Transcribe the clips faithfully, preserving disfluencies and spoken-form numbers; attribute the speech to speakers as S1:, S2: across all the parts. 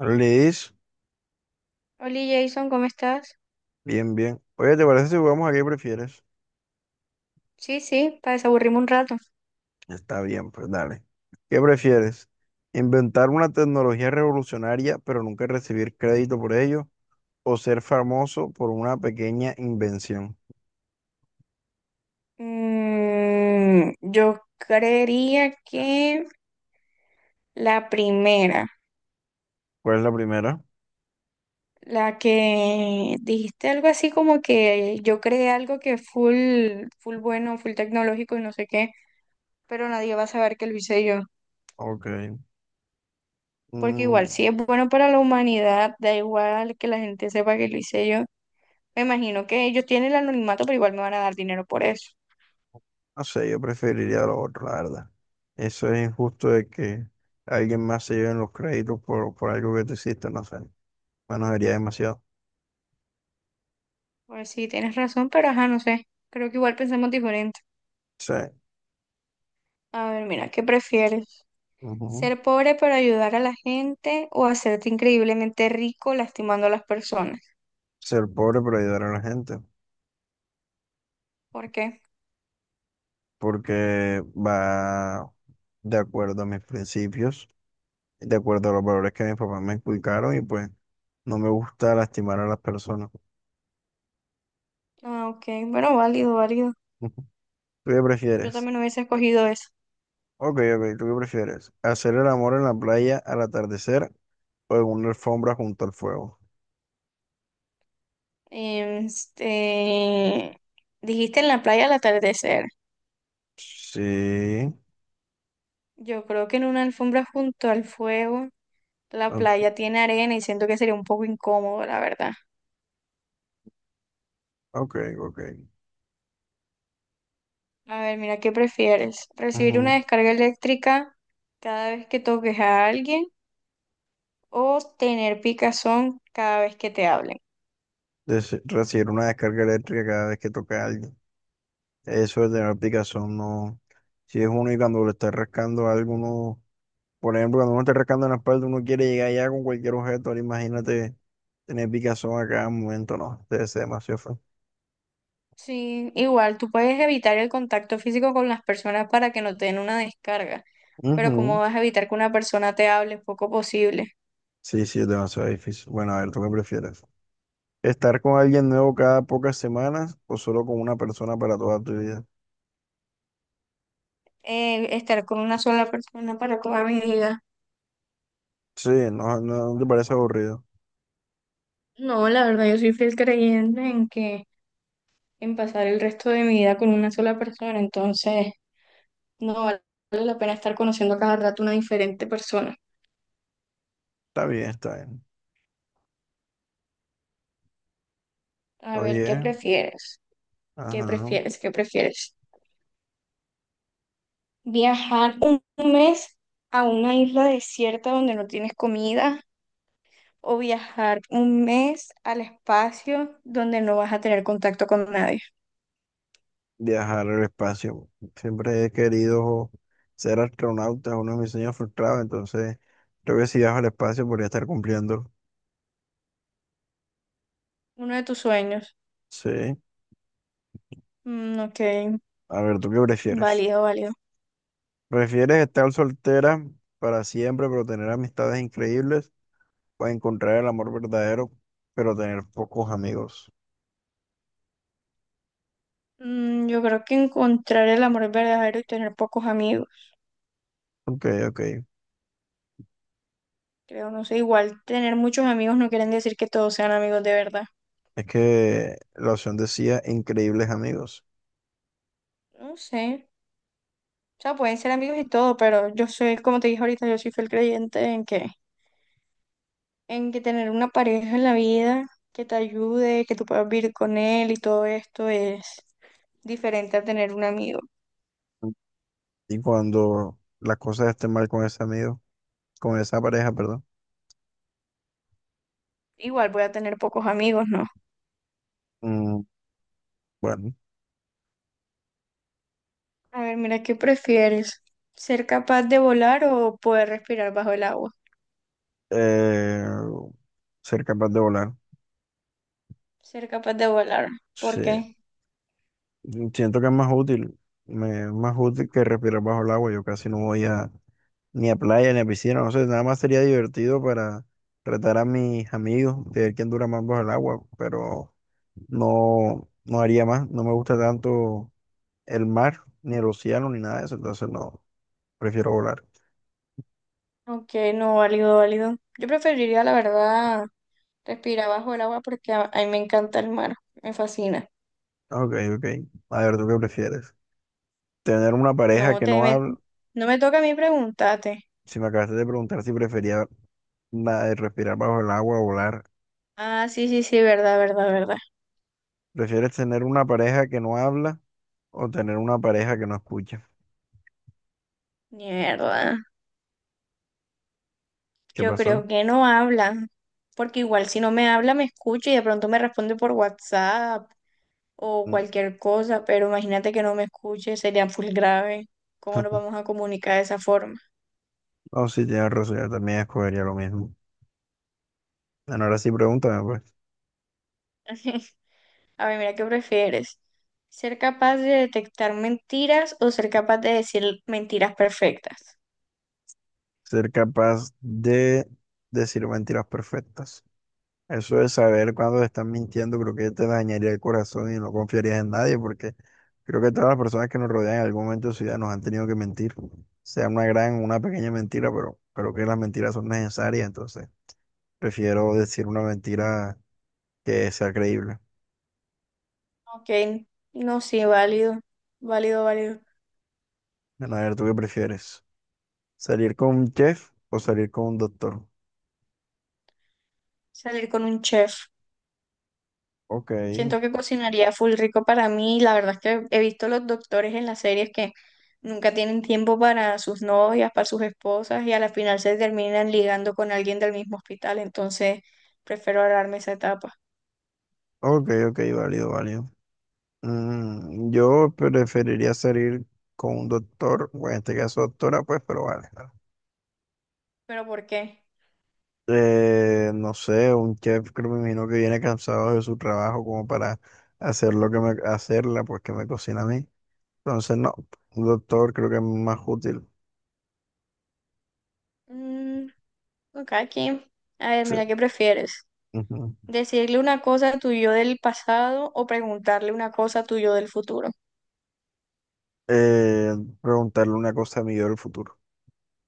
S1: Liz,
S2: Hola Jason, ¿cómo estás?
S1: bien, bien. Oye, ¿te parece si jugamos a qué prefieres?
S2: Sí, sí, para desaburrirme un rato.
S1: Está bien, pues dale. ¿Qué prefieres? ¿Inventar una tecnología revolucionaria pero nunca recibir crédito por ello? ¿O ser famoso por una pequeña invención?
S2: Mm, yo creería que la primera,
S1: ¿Cuál es la primera?
S2: la que dijiste algo así como que yo creé algo que es full, full bueno, full tecnológico y no sé qué, pero nadie va a saber que lo hice yo.
S1: Ok.
S2: Porque igual,
S1: Mm,
S2: si es bueno para la humanidad, da igual que la gente sepa que lo hice yo. Me imagino que ellos tienen el anonimato, pero igual me van a dar dinero por eso.
S1: no sé, yo preferiría lo otro, la verdad. Eso es injusto de que alguien más se lleve los créditos por, por algo que tú hiciste, no sé. Bueno, sería demasiado.
S2: Pues sí, tienes razón, pero ajá, no sé. Creo que igual pensamos diferente.
S1: Sí.
S2: A ver, mira, ¿qué prefieres?
S1: Ujú.
S2: ¿Ser pobre pero ayudar a la gente o hacerte increíblemente rico lastimando a las personas?
S1: Ser pobre pero ayudar a la gente.
S2: ¿Por qué?
S1: Porque va de acuerdo a mis principios, de acuerdo a los valores que mis papás me inculcaron y pues no me gusta lastimar a las personas.
S2: Ah, ok, bueno, válido, válido.
S1: ¿Tú qué
S2: Yo
S1: prefieres?
S2: también hubiese escogido eso.
S1: Ok, ok, ¿tú qué prefieres? ¿Hacer el amor en la playa al atardecer o en una alfombra junto al fuego?
S2: Em, Este, dijiste en la playa al atardecer.
S1: Sí.
S2: Yo creo que en una alfombra junto al fuego, la
S1: o-
S2: playa tiene arena y siento que sería un poco incómodo, la verdad.
S1: Ok, ok.
S2: A ver, mira, ¿qué prefieres? ¿Recibir una
S1: Ujú.
S2: descarga eléctrica cada vez que toques a alguien, o tener picazón cada vez que te hablen?
S1: Des- recibir una descarga eléctrica cada vez que toca a alguien. Eso de tener picazón, no. Si es uno y cuando lo está rascando a alguno. Por ejemplo, cuando uno está rascando en la espalda, uno quiere llegar ya con cualquier objeto. Ahora imagínate tener picazón a cada momento, no, debe ser demasiado feo.
S2: Sí, igual tú puedes evitar el contacto físico con las personas para que no te den una descarga, pero ¿cómo
S1: Ujú.
S2: vas a evitar que una persona te hable? Es poco posible.
S1: Sí, sí, es demasiado difícil. Bueno, a ver, ¿tú qué prefieres? ¿Estar con alguien nuevo cada pocas semanas o solo con una persona para toda tu vida?
S2: Eh, estar con una sola persona para toda mi vida.
S1: Sí, no, no, no te parece aburrido.
S2: No, la verdad, yo soy fiel creyente en que en pasar el resto de mi vida con una sola persona, entonces no vale la pena estar conociendo a cada rato una diferente persona.
S1: Está bien, está bien.
S2: A ver, ¿qué
S1: Oye,
S2: prefieres? ¿Qué
S1: ajá.
S2: prefieres? ¿Qué prefieres? Viajar un mes a una isla desierta donde no tienes comida o viajar un mes al espacio donde no vas a tener contacto con nadie.
S1: Viajar al espacio. Siempre he querido ser astronauta, es uno de mis sueños frustrados, entonces creo que si viajo al espacio podría estar cumpliendo.
S2: Uno de tus sueños.
S1: Sí.
S2: Mm, ok,
S1: A ver, ¿tú qué prefieres?
S2: válido, válido.
S1: ¿Prefieres estar soltera para siempre, pero tener amistades increíbles? ¿O encontrar el amor verdadero, pero tener pocos amigos?
S2: Mm, yo creo que encontrar el amor verdadero y tener pocos amigos.
S1: Ok, ok.
S2: Creo, no sé, igual tener muchos amigos no quieren decir que todos sean amigos de verdad.
S1: Es que la opción decía increíbles amigos.
S2: No sé. O sea, pueden ser amigos y todo, pero yo soy, como te dije ahorita, yo soy fiel creyente en que en que tener una pareja en la vida que te ayude, que tú puedas vivir con él y todo esto es diferente a tener un amigo.
S1: Y cuando las cosas estén mal con ese amigo, con esa pareja, perdón.
S2: Igual voy a tener pocos amigos, ¿no?
S1: Mm, bueno,
S2: A ver, mira, ¿qué prefieres? ¿Ser capaz de volar o poder respirar bajo el agua?
S1: eh, ser capaz de volar.
S2: Ser capaz de volar. ¿Por
S1: Sí.
S2: qué?
S1: Siento que es más útil. Me, es más útil que respirar bajo el agua. Yo casi no voy a. Ni a playa, ni a piscina, no sé, nada más sería divertido para retar a mis amigos de ver quién dura más bajo el agua, pero no, no haría más, no me gusta tanto el mar, ni el océano, ni nada de eso, entonces no, prefiero volar.
S2: Ok, no, válido, válido. Yo preferiría, la verdad, respirar bajo el agua porque a, a mí me encanta el mar, me fascina.
S1: Ah, ok, ok, a ver, ¿tú qué prefieres? Tener una pareja
S2: No
S1: que
S2: te
S1: no
S2: me-
S1: habla,
S2: no me toca a mí preguntarte.
S1: si me acabaste de preguntar si prefería nada de respirar bajo el agua o volar,
S2: Ah, sí, sí, sí, verdad, verdad, verdad.
S1: ¿prefieres tener una pareja que no habla o tener una pareja que no escucha?
S2: Mierda,
S1: ¿Qué
S2: yo
S1: pasó?
S2: creo que no habla, porque igual si no me habla me escucha y de pronto me responde por WhatsApp o
S1: Mm.
S2: cualquier cosa, pero imagínate que no me escuche, sería full grave. ¿Cómo nos vamos a comunicar de esa forma?
S1: Oh, sí, tienes razón, yo también escogería lo mismo. Bueno, ahora sí pregúntame, pues.
S2: A ver, mira, ¿qué prefieres? ¿Ser capaz de detectar mentiras o ser capaz de decir mentiras perfectas?
S1: Ser capaz de decir mentiras perfectas. Eso de saber cuándo te están mintiendo, creo que te dañaría el corazón y no confiarías en nadie, porque creo que todas las personas que nos rodean en algún momento de su vida nos han tenido que mentir. Sea una gran o una pequeña mentira, pero creo que las mentiras son necesarias, entonces prefiero decir una mentira que sea creíble.
S2: Ok, no, sí, válido, válido, válido.
S1: Bueno, a ver, ¿tú qué prefieres? ¿Salir con un chef o salir con un doctor?
S2: Salir con un chef.
S1: Ok.
S2: Siento que cocinaría full rico para mí. La verdad es que he visto los doctores en las series que nunca tienen tiempo para sus novias, para sus esposas y a la final se terminan ligando con alguien del mismo hospital. Entonces prefiero ahorrarme esa etapa.
S1: Ok, ok, válido, válido. Mm, yo preferiría salir con un doctor, o en este caso doctora, pues, pero vale.
S2: ¿Pero por qué?
S1: Eh, no sé, un chef que me imagino que viene cansado de su trabajo como para hacer lo que me, hacerla, pues que me cocina a mí. Entonces, no, un doctor creo que es más útil.
S2: Mm, ok, aquí. A ver,
S1: Sí.
S2: mira, ¿qué prefieres?
S1: Ujú.
S2: ¿Decirle una cosa a tu yo del pasado o preguntarle una cosa a tu yo del futuro?
S1: Eh, Preguntarle una cosa a mí yo del futuro,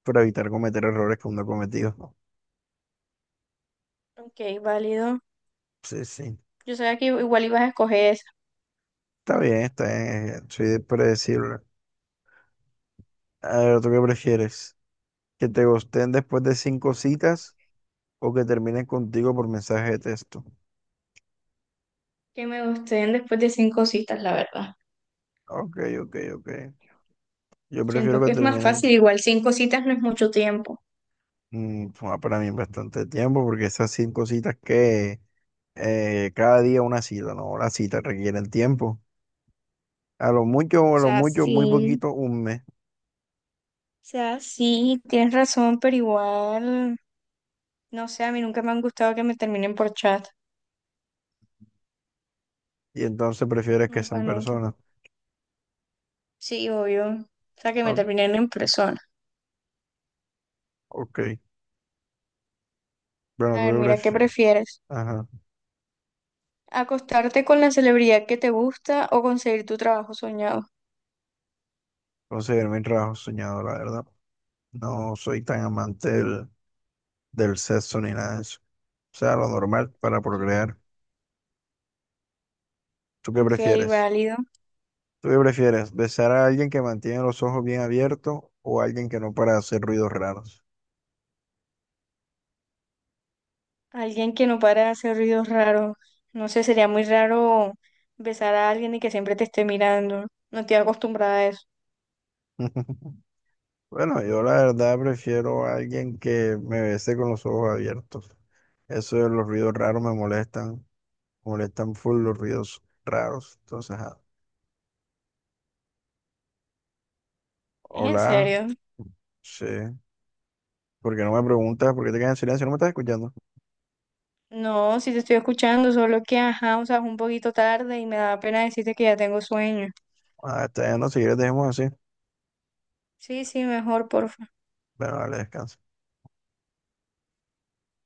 S1: para evitar cometer errores que uno ha cometido. ¿No?
S2: Ok, válido.
S1: Sí, sí.
S2: Yo sabía que igual ibas a escoger esa.
S1: Está bien, está bien, eh, soy predecible. A ver, ¿tú qué prefieres? Que te gusten después de cinco citas o que terminen contigo por mensaje de texto.
S2: Que me gusten después de cinco citas, la verdad.
S1: Ok, ok, ok. Yo
S2: Siento
S1: prefiero que
S2: que es más
S1: terminen.
S2: fácil, igual cinco citas no es mucho tiempo. O
S1: Mm, fue para mí bastante tiempo porque esas cinco citas que eh, cada día una cita, ¿no? Las citas requieren tiempo. A lo mucho o a lo
S2: sea,
S1: mucho, muy
S2: sí, o
S1: poquito, un mes.
S2: sea, sí, tienes razón, pero igual, no sé, a mí nunca me han gustado que me terminen por chat.
S1: Y entonces prefieres que
S2: Nunca,
S1: sean
S2: nunca.
S1: personas.
S2: Sí, obvio. O sea, que me
S1: O-
S2: terminen en persona.
S1: Ok. Bueno,
S2: A
S1: tú
S2: ver,
S1: lo
S2: mira, ¿qué
S1: prefieres.
S2: prefieres?
S1: Ajá.
S2: ¿Acostarte con la celebridad que te gusta o conseguir tu trabajo soñado?
S1: Conseguir mi trabajo soñado, la verdad. No soy tan amante del, del sexo ni nada de eso. O sea, lo normal para
S2: Ok,
S1: procrear. ¿Tú qué
S2: ok,
S1: prefieres?
S2: válido.
S1: ¿Tú qué prefieres? ¿Besar a alguien que mantiene los ojos bien abiertos o a alguien que no para de hacer ruidos raros?
S2: Alguien que no para de hacer ruidos raros. No sé, sería muy raro besar a alguien y que siempre te esté mirando. No estoy acostumbrada a eso.
S1: Bueno, yo la verdad prefiero a alguien que me bese con los ojos abiertos. Eso de los ruidos raros me molestan. Molestan full los ruidos raros. Entonces, ajá.
S2: ¿Es en
S1: Hola.
S2: serio?
S1: Sí. ¿Por qué no me preguntas? ¿Por qué te quedas en silencio? ¿No me estás escuchando?
S2: No, sí te estoy escuchando, solo que, ajá, o sea, es un poquito tarde y me da pena decirte que ya tengo sueño.
S1: Ah, está bien, no, si quieres dejemos así.
S2: Sí, sí, mejor, porfa.
S1: Bueno, vale, descansa.